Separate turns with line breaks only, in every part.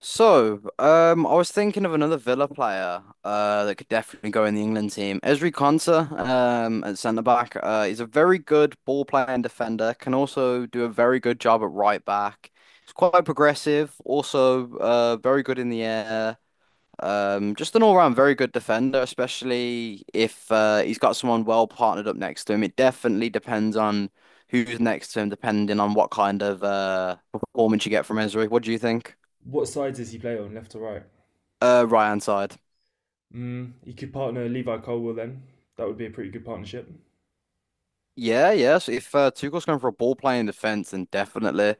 So I was thinking of another Villa player that could definitely go in the England team. Ezri Konsa, at centre back, he's a very good ball playing defender. Can also do a very good job at right back. He's quite progressive. Also, very good in the air. Just an all-round very good defender, especially if he's got someone well partnered up next to him. It definitely depends on who's next to him, depending on what kind of performance you get from Ezri. What do you think?
What sides does he play on, left or right?
Right hand side.
Mm, he could partner Levi Colwill then. That would be a pretty good partnership.
Yeah, yeah. So if Tuchel's going for a ball playing defense, then definitely.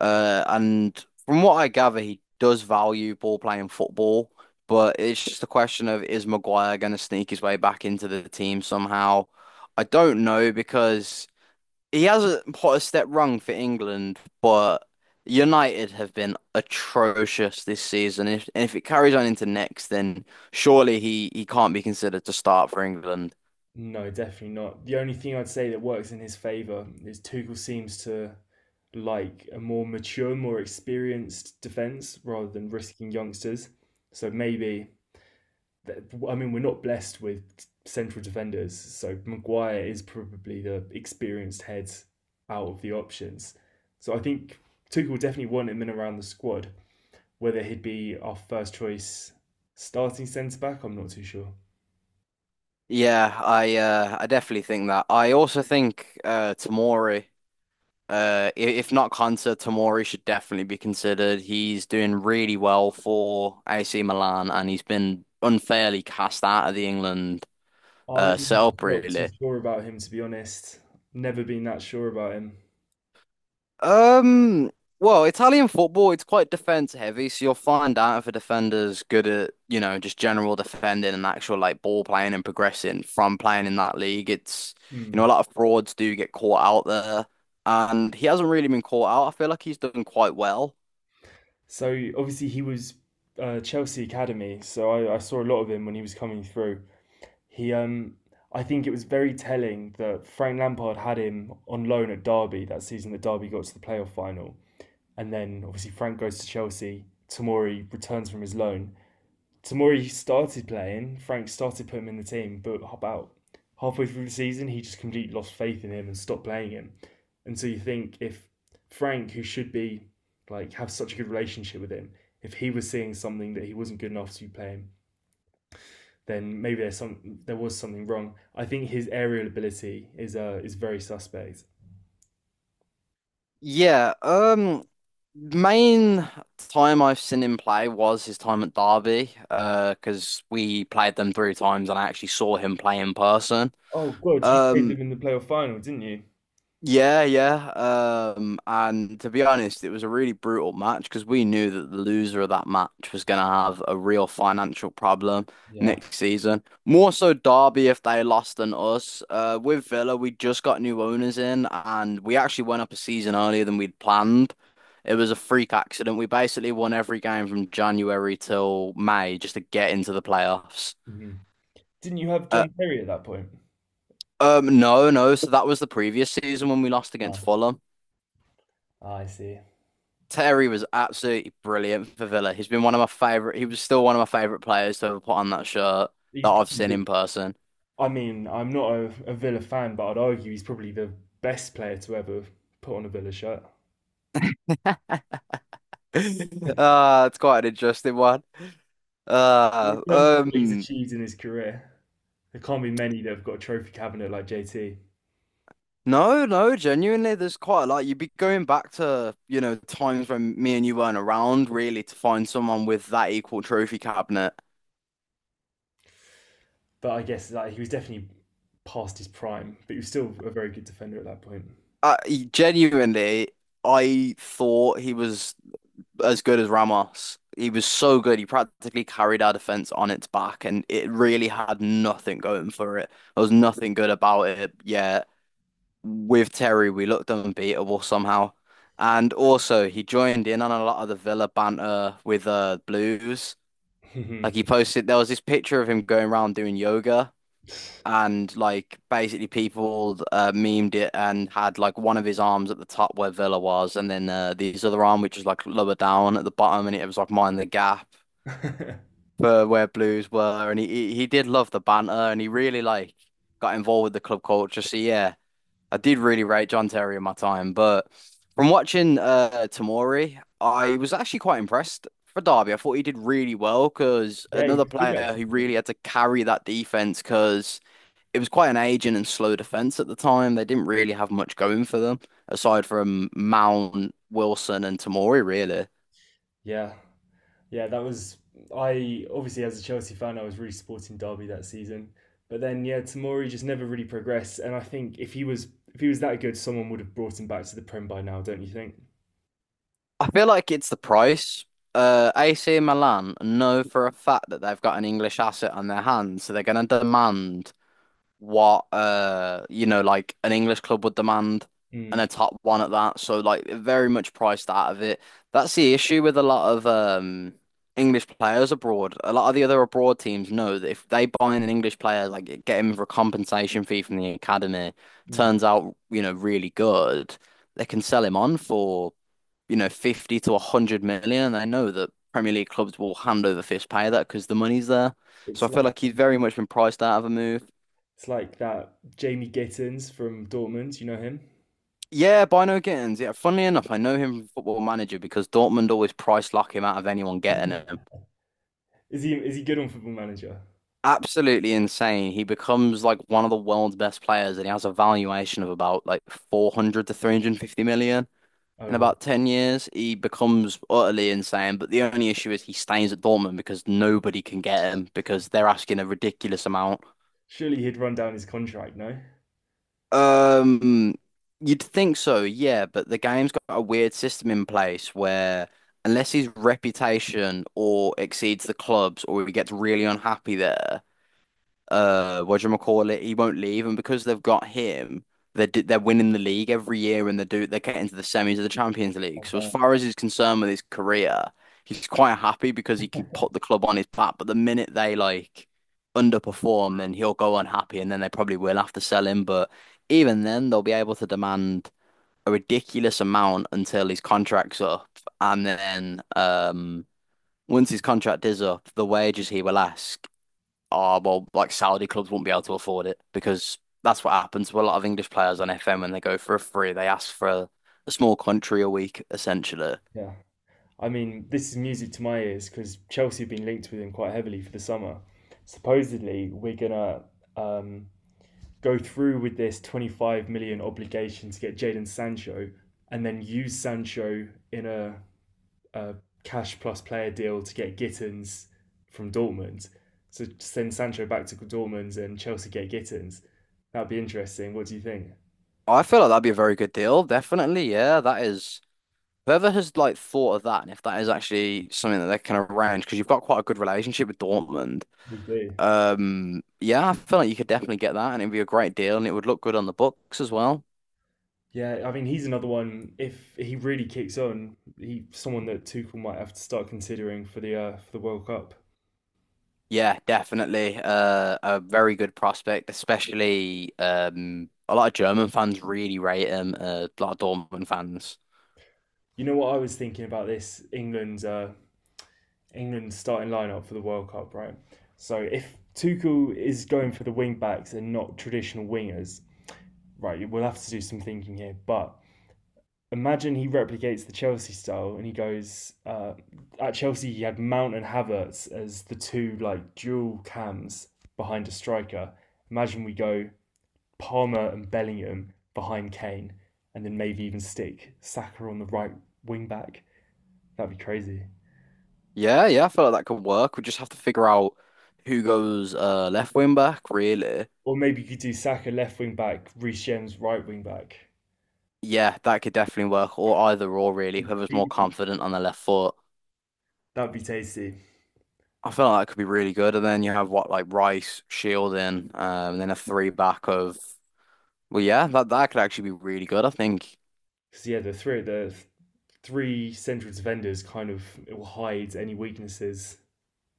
And from what I gather, he does value ball playing football, but it's just a question of, is Maguire going to sneak his way back into the team somehow? I don't know because he hasn't put a step wrong for England, but United have been atrocious this season. If and if it carries on into next, then surely he can't be considered to start for England.
No, definitely not. The only thing I'd say that works in his favour is Tuchel seems to like a more mature, more experienced defence rather than risking youngsters. So maybe, I mean, we're not blessed with central defenders. So Maguire is probably the experienced head out of the options. So I think Tuchel will definitely want him in around the squad. Whether he'd be our first choice starting centre back, I'm not too sure.
Yeah, I definitely think that. I also think Tomori, if not Konsa, Tomori should definitely be considered. He's doing really well for AC Milan, and he's been unfairly cast out of the England
I'm
setup,
not too
really.
sure about him, to be honest. Never been that sure about him.
Um, well, Italian football, it's quite defense heavy, so you'll find out if a defender's good at, you know, just general defending and actual like ball playing and progressing from playing in that league. It's a
Hmm.
lot of frauds do get caught out there, and he hasn't really been caught out. I feel like he's done quite well.
So obviously he was Chelsea academy, so I saw a lot of him when he was coming through. He, I think it was very telling that Frank Lampard had him on loan at Derby that season that Derby got to the playoff final, and then obviously Frank goes to Chelsea. Tamori returns from his loan, Tamori started playing. Frank started putting him in the team, but about halfway through the season, he just completely lost faith in him and stopped playing him. And so you think if Frank, who should be like have such a good relationship with him, if he was seeing something that he wasn't good enough to play him, then maybe there was something wrong. I think his aerial ability is very suspect.
Yeah, um, main time I've seen him play was his time at Derby, because we played them three times and I actually saw him play in person.
Oh God, you played
Um,
them in the playoff final, didn't you?
Yeah, yeah. And to be honest, it was a really brutal match because we knew that the loser of that match was going to have a real financial problem
Yeah.
next season. More so Derby if they lost than us. With Villa, we just got new owners in and we actually went up a season earlier than we'd planned. It was a freak accident. We basically won every game from January till May just to get into the playoffs.
Hmm. Didn't you have
Uh,
John Terry at that point?
no, no. So that was the previous season when we lost against
Ah,
Fulham.
I see.
Terry was absolutely brilliant for Villa. He's been one of my favorite. He was still one of my favorite players to ever put on that shirt that
He's
I've
probably
seen
the,
in person.
I mean, I'm not a Villa fan, but I'd argue he's probably the best player to ever put on a Villa shirt.
It's quite an interesting one.
In
Uh,
terms of what he's
um,
achieved in his career, there can't be many that have got a trophy cabinet like JT.
no, no, genuinely, there's quite a lot. You'd be going back to, you know, times when me and you weren't around, really, to find someone with that equal trophy cabinet.
But I guess like, he was definitely past his prime, but he was still a very good defender at that point.
Genuinely, I thought he was as good as Ramos. He was so good. He practically carried our defense on its back, and it really had nothing going for it. There was nothing good about it. Yeah, with Terry, we looked unbeatable somehow. And also, he joined in on a lot of the Villa banter with Blues.
Yeah,
Like he posted, there was this picture of him going around doing yoga, and like basically people memed it and had like one of his arms at the top where Villa was, and then his other arm which was like lower down at the bottom, and it was like mind the gap for where Blues were, and he did love the banter, and he really like got involved with the club culture. So yeah, I did really rate John Terry in my time, but from watching Tamori, I was actually quite impressed. For Derby, I thought he did really well because
he
another
was good that
player who
season.
really had to carry that defense because it was quite an aging and slow defense at the time. They didn't really have much going for them aside from Mount, Wilson, and Tamori, really.
Yeah. Yeah, that was I obviously as a Chelsea fan I was really supporting Derby that season. But then yeah, Tamori just never really progressed and I think if he was that good someone would have brought him back to the Prem by now, don't you think?
I feel like it's the price. AC Milan know for a fact that they've got an English asset on their hands, so they're going to demand what like an English club would demand, and
Mm,
a top one at that. So like they're very much priced out of it. That's the issue with a lot of English players abroad. A lot of the other abroad teams know that if they buy in an English player, like get him for a compensation fee from the academy,
mm.
turns out, you know, really good, they can sell him on for, you know, 50 to 100 million. And they know that Premier League clubs will hand over fist pay that because the money's there. So
It's
I feel
like
like he's very much been priced out of a move.
that Jamie Gittins from Dortmund, you know him?
Yeah, Bino Gittins. Yeah, funnily enough, I know him from Football Manager because Dortmund always price lock him out of anyone getting him.
Is he good on Football Manager?
Absolutely insane. He becomes like one of the world's best players and he has a valuation of about like 400 to 350 million.
Oh
In
well.
about 10 years, he becomes utterly insane. But the only issue is he stays at Dortmund because nobody can get him because they're asking a ridiculous amount.
Surely he'd run down his contract, no?
Um, you'd think so, yeah, but the game's got a weird system in place where unless his reputation or exceeds the club's or he gets really unhappy there, he won't leave. And because they've got him, they're winning the league every year and they're getting to the semis of the Champions League. So as
Uh,
far as he's concerned with his career, he's quite happy because he can put the club on his back. But the minute they like underperform, then he'll go unhappy and then they probably will have to sell him. But even then they'll be able to demand a ridiculous amount until his contract's up. And then once his contract is up, the wages he will ask, oh, well, like Saudi clubs won't be able to afford it because that's what happens to a lot of English players on FM when they go for a free. They ask for a small country a week, essentially.
yeah. I mean, this is music to my ears because Chelsea have been linked with him quite heavily for the summer. Supposedly, we're gonna um, go through with this 25 million obligation to get Jadon Sancho, and then use Sancho in a cash plus player deal to get Gittins from Dortmund. So send Sancho back to Dortmund and Chelsea get Gittins. That'd be interesting. What do you think?
I feel like that'd be a very good deal, definitely. Yeah, that is. Whoever has like thought of that, and if that is actually something that they can arrange, because you've got quite a good relationship with Dortmund.
We do.
Yeah, I feel like you could definitely get that, and it'd be a great deal, and it would look good on the books as well.
Yeah, I mean he's another one. If he really kicks on, he someone that Tuchel might have to start considering for the World Cup.
Yeah, definitely. A very good prospect, especially a lot of German fans really rate him. A lot of Dortmund fans.
You know what I was thinking about this England's starting lineup for the World Cup, right? So if Tuchel is going for the wing backs and not traditional wingers, right? We'll have to do some thinking here. But imagine he replicates the Chelsea style and he goes at Chelsea he had Mount and Havertz as the two like dual cams behind a striker. Imagine we go Palmer and Bellingham behind Kane, and then maybe even stick Saka on the right wing back. That'd be crazy.
Yeah, yeah, I feel like that could work. We just have to figure out who goes left wing back, really.
Or maybe you could do Saka left wing back, Reece James right wing back.
Yeah, that could definitely work, or either or really, whoever's more confident on the left foot.
That'd be tasty.
I feel like that could be really good. And then you have what like Rice, Shielding, and then a three back of. Well, yeah, that could actually be really good, I think.
Because yeah, the three central defenders kind of it will hide any weaknesses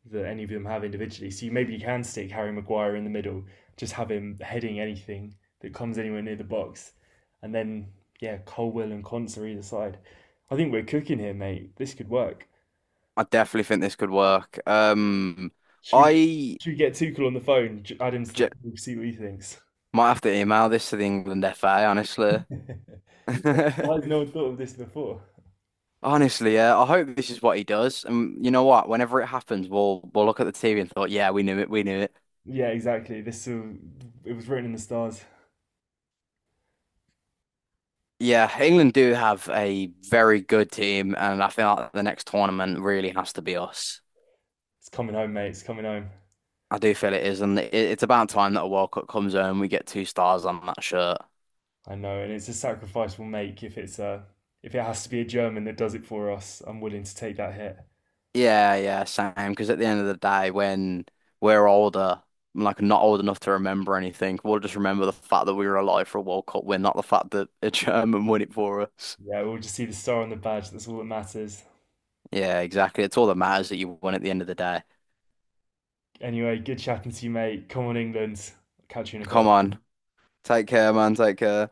that any of them have individually. So you maybe you can stick Harry Maguire in the middle, just have him heading anything that comes anywhere near the box, and then yeah, Colwell and Conts are either side. I think we're cooking here, mate. This could work.
I definitely think this could work.
Should we get
I
should we get Tuchel on the phone, add him to the
j
call, see what he thinks?
might have to email this to the England FA, honestly.
Why has no one thought of this before?
Honestly, yeah. I hope this is what he does. And you know what? Whenever it happens, we'll look at the TV and thought, yeah, we knew it, we knew it.
Yeah, exactly. It was written in the stars.
Yeah, England do have a very good team, and I feel like the next tournament really has to be us.
It's coming home, mate. It's coming home.
I do feel it is, and it's about time that a World Cup comes home. We get two stars on that shirt.
I know, and it's a sacrifice we'll make if it has to be a German that does it for us. I'm willing to take that hit.
Yeah, yeah, same. Because at the end of the day, when we're older, like not old enough to remember anything, we'll just remember the fact that we were alive for a World Cup win, not the fact that a German won it for us.
Yeah, we'll just see the star on the badge. That's all that matters.
Yeah, exactly. It's all that matters that you won at the end of the day.
Anyway, good chatting to you, mate. Come on, England. Catch you in a
Come
bit.
on. Take care, man. Take care.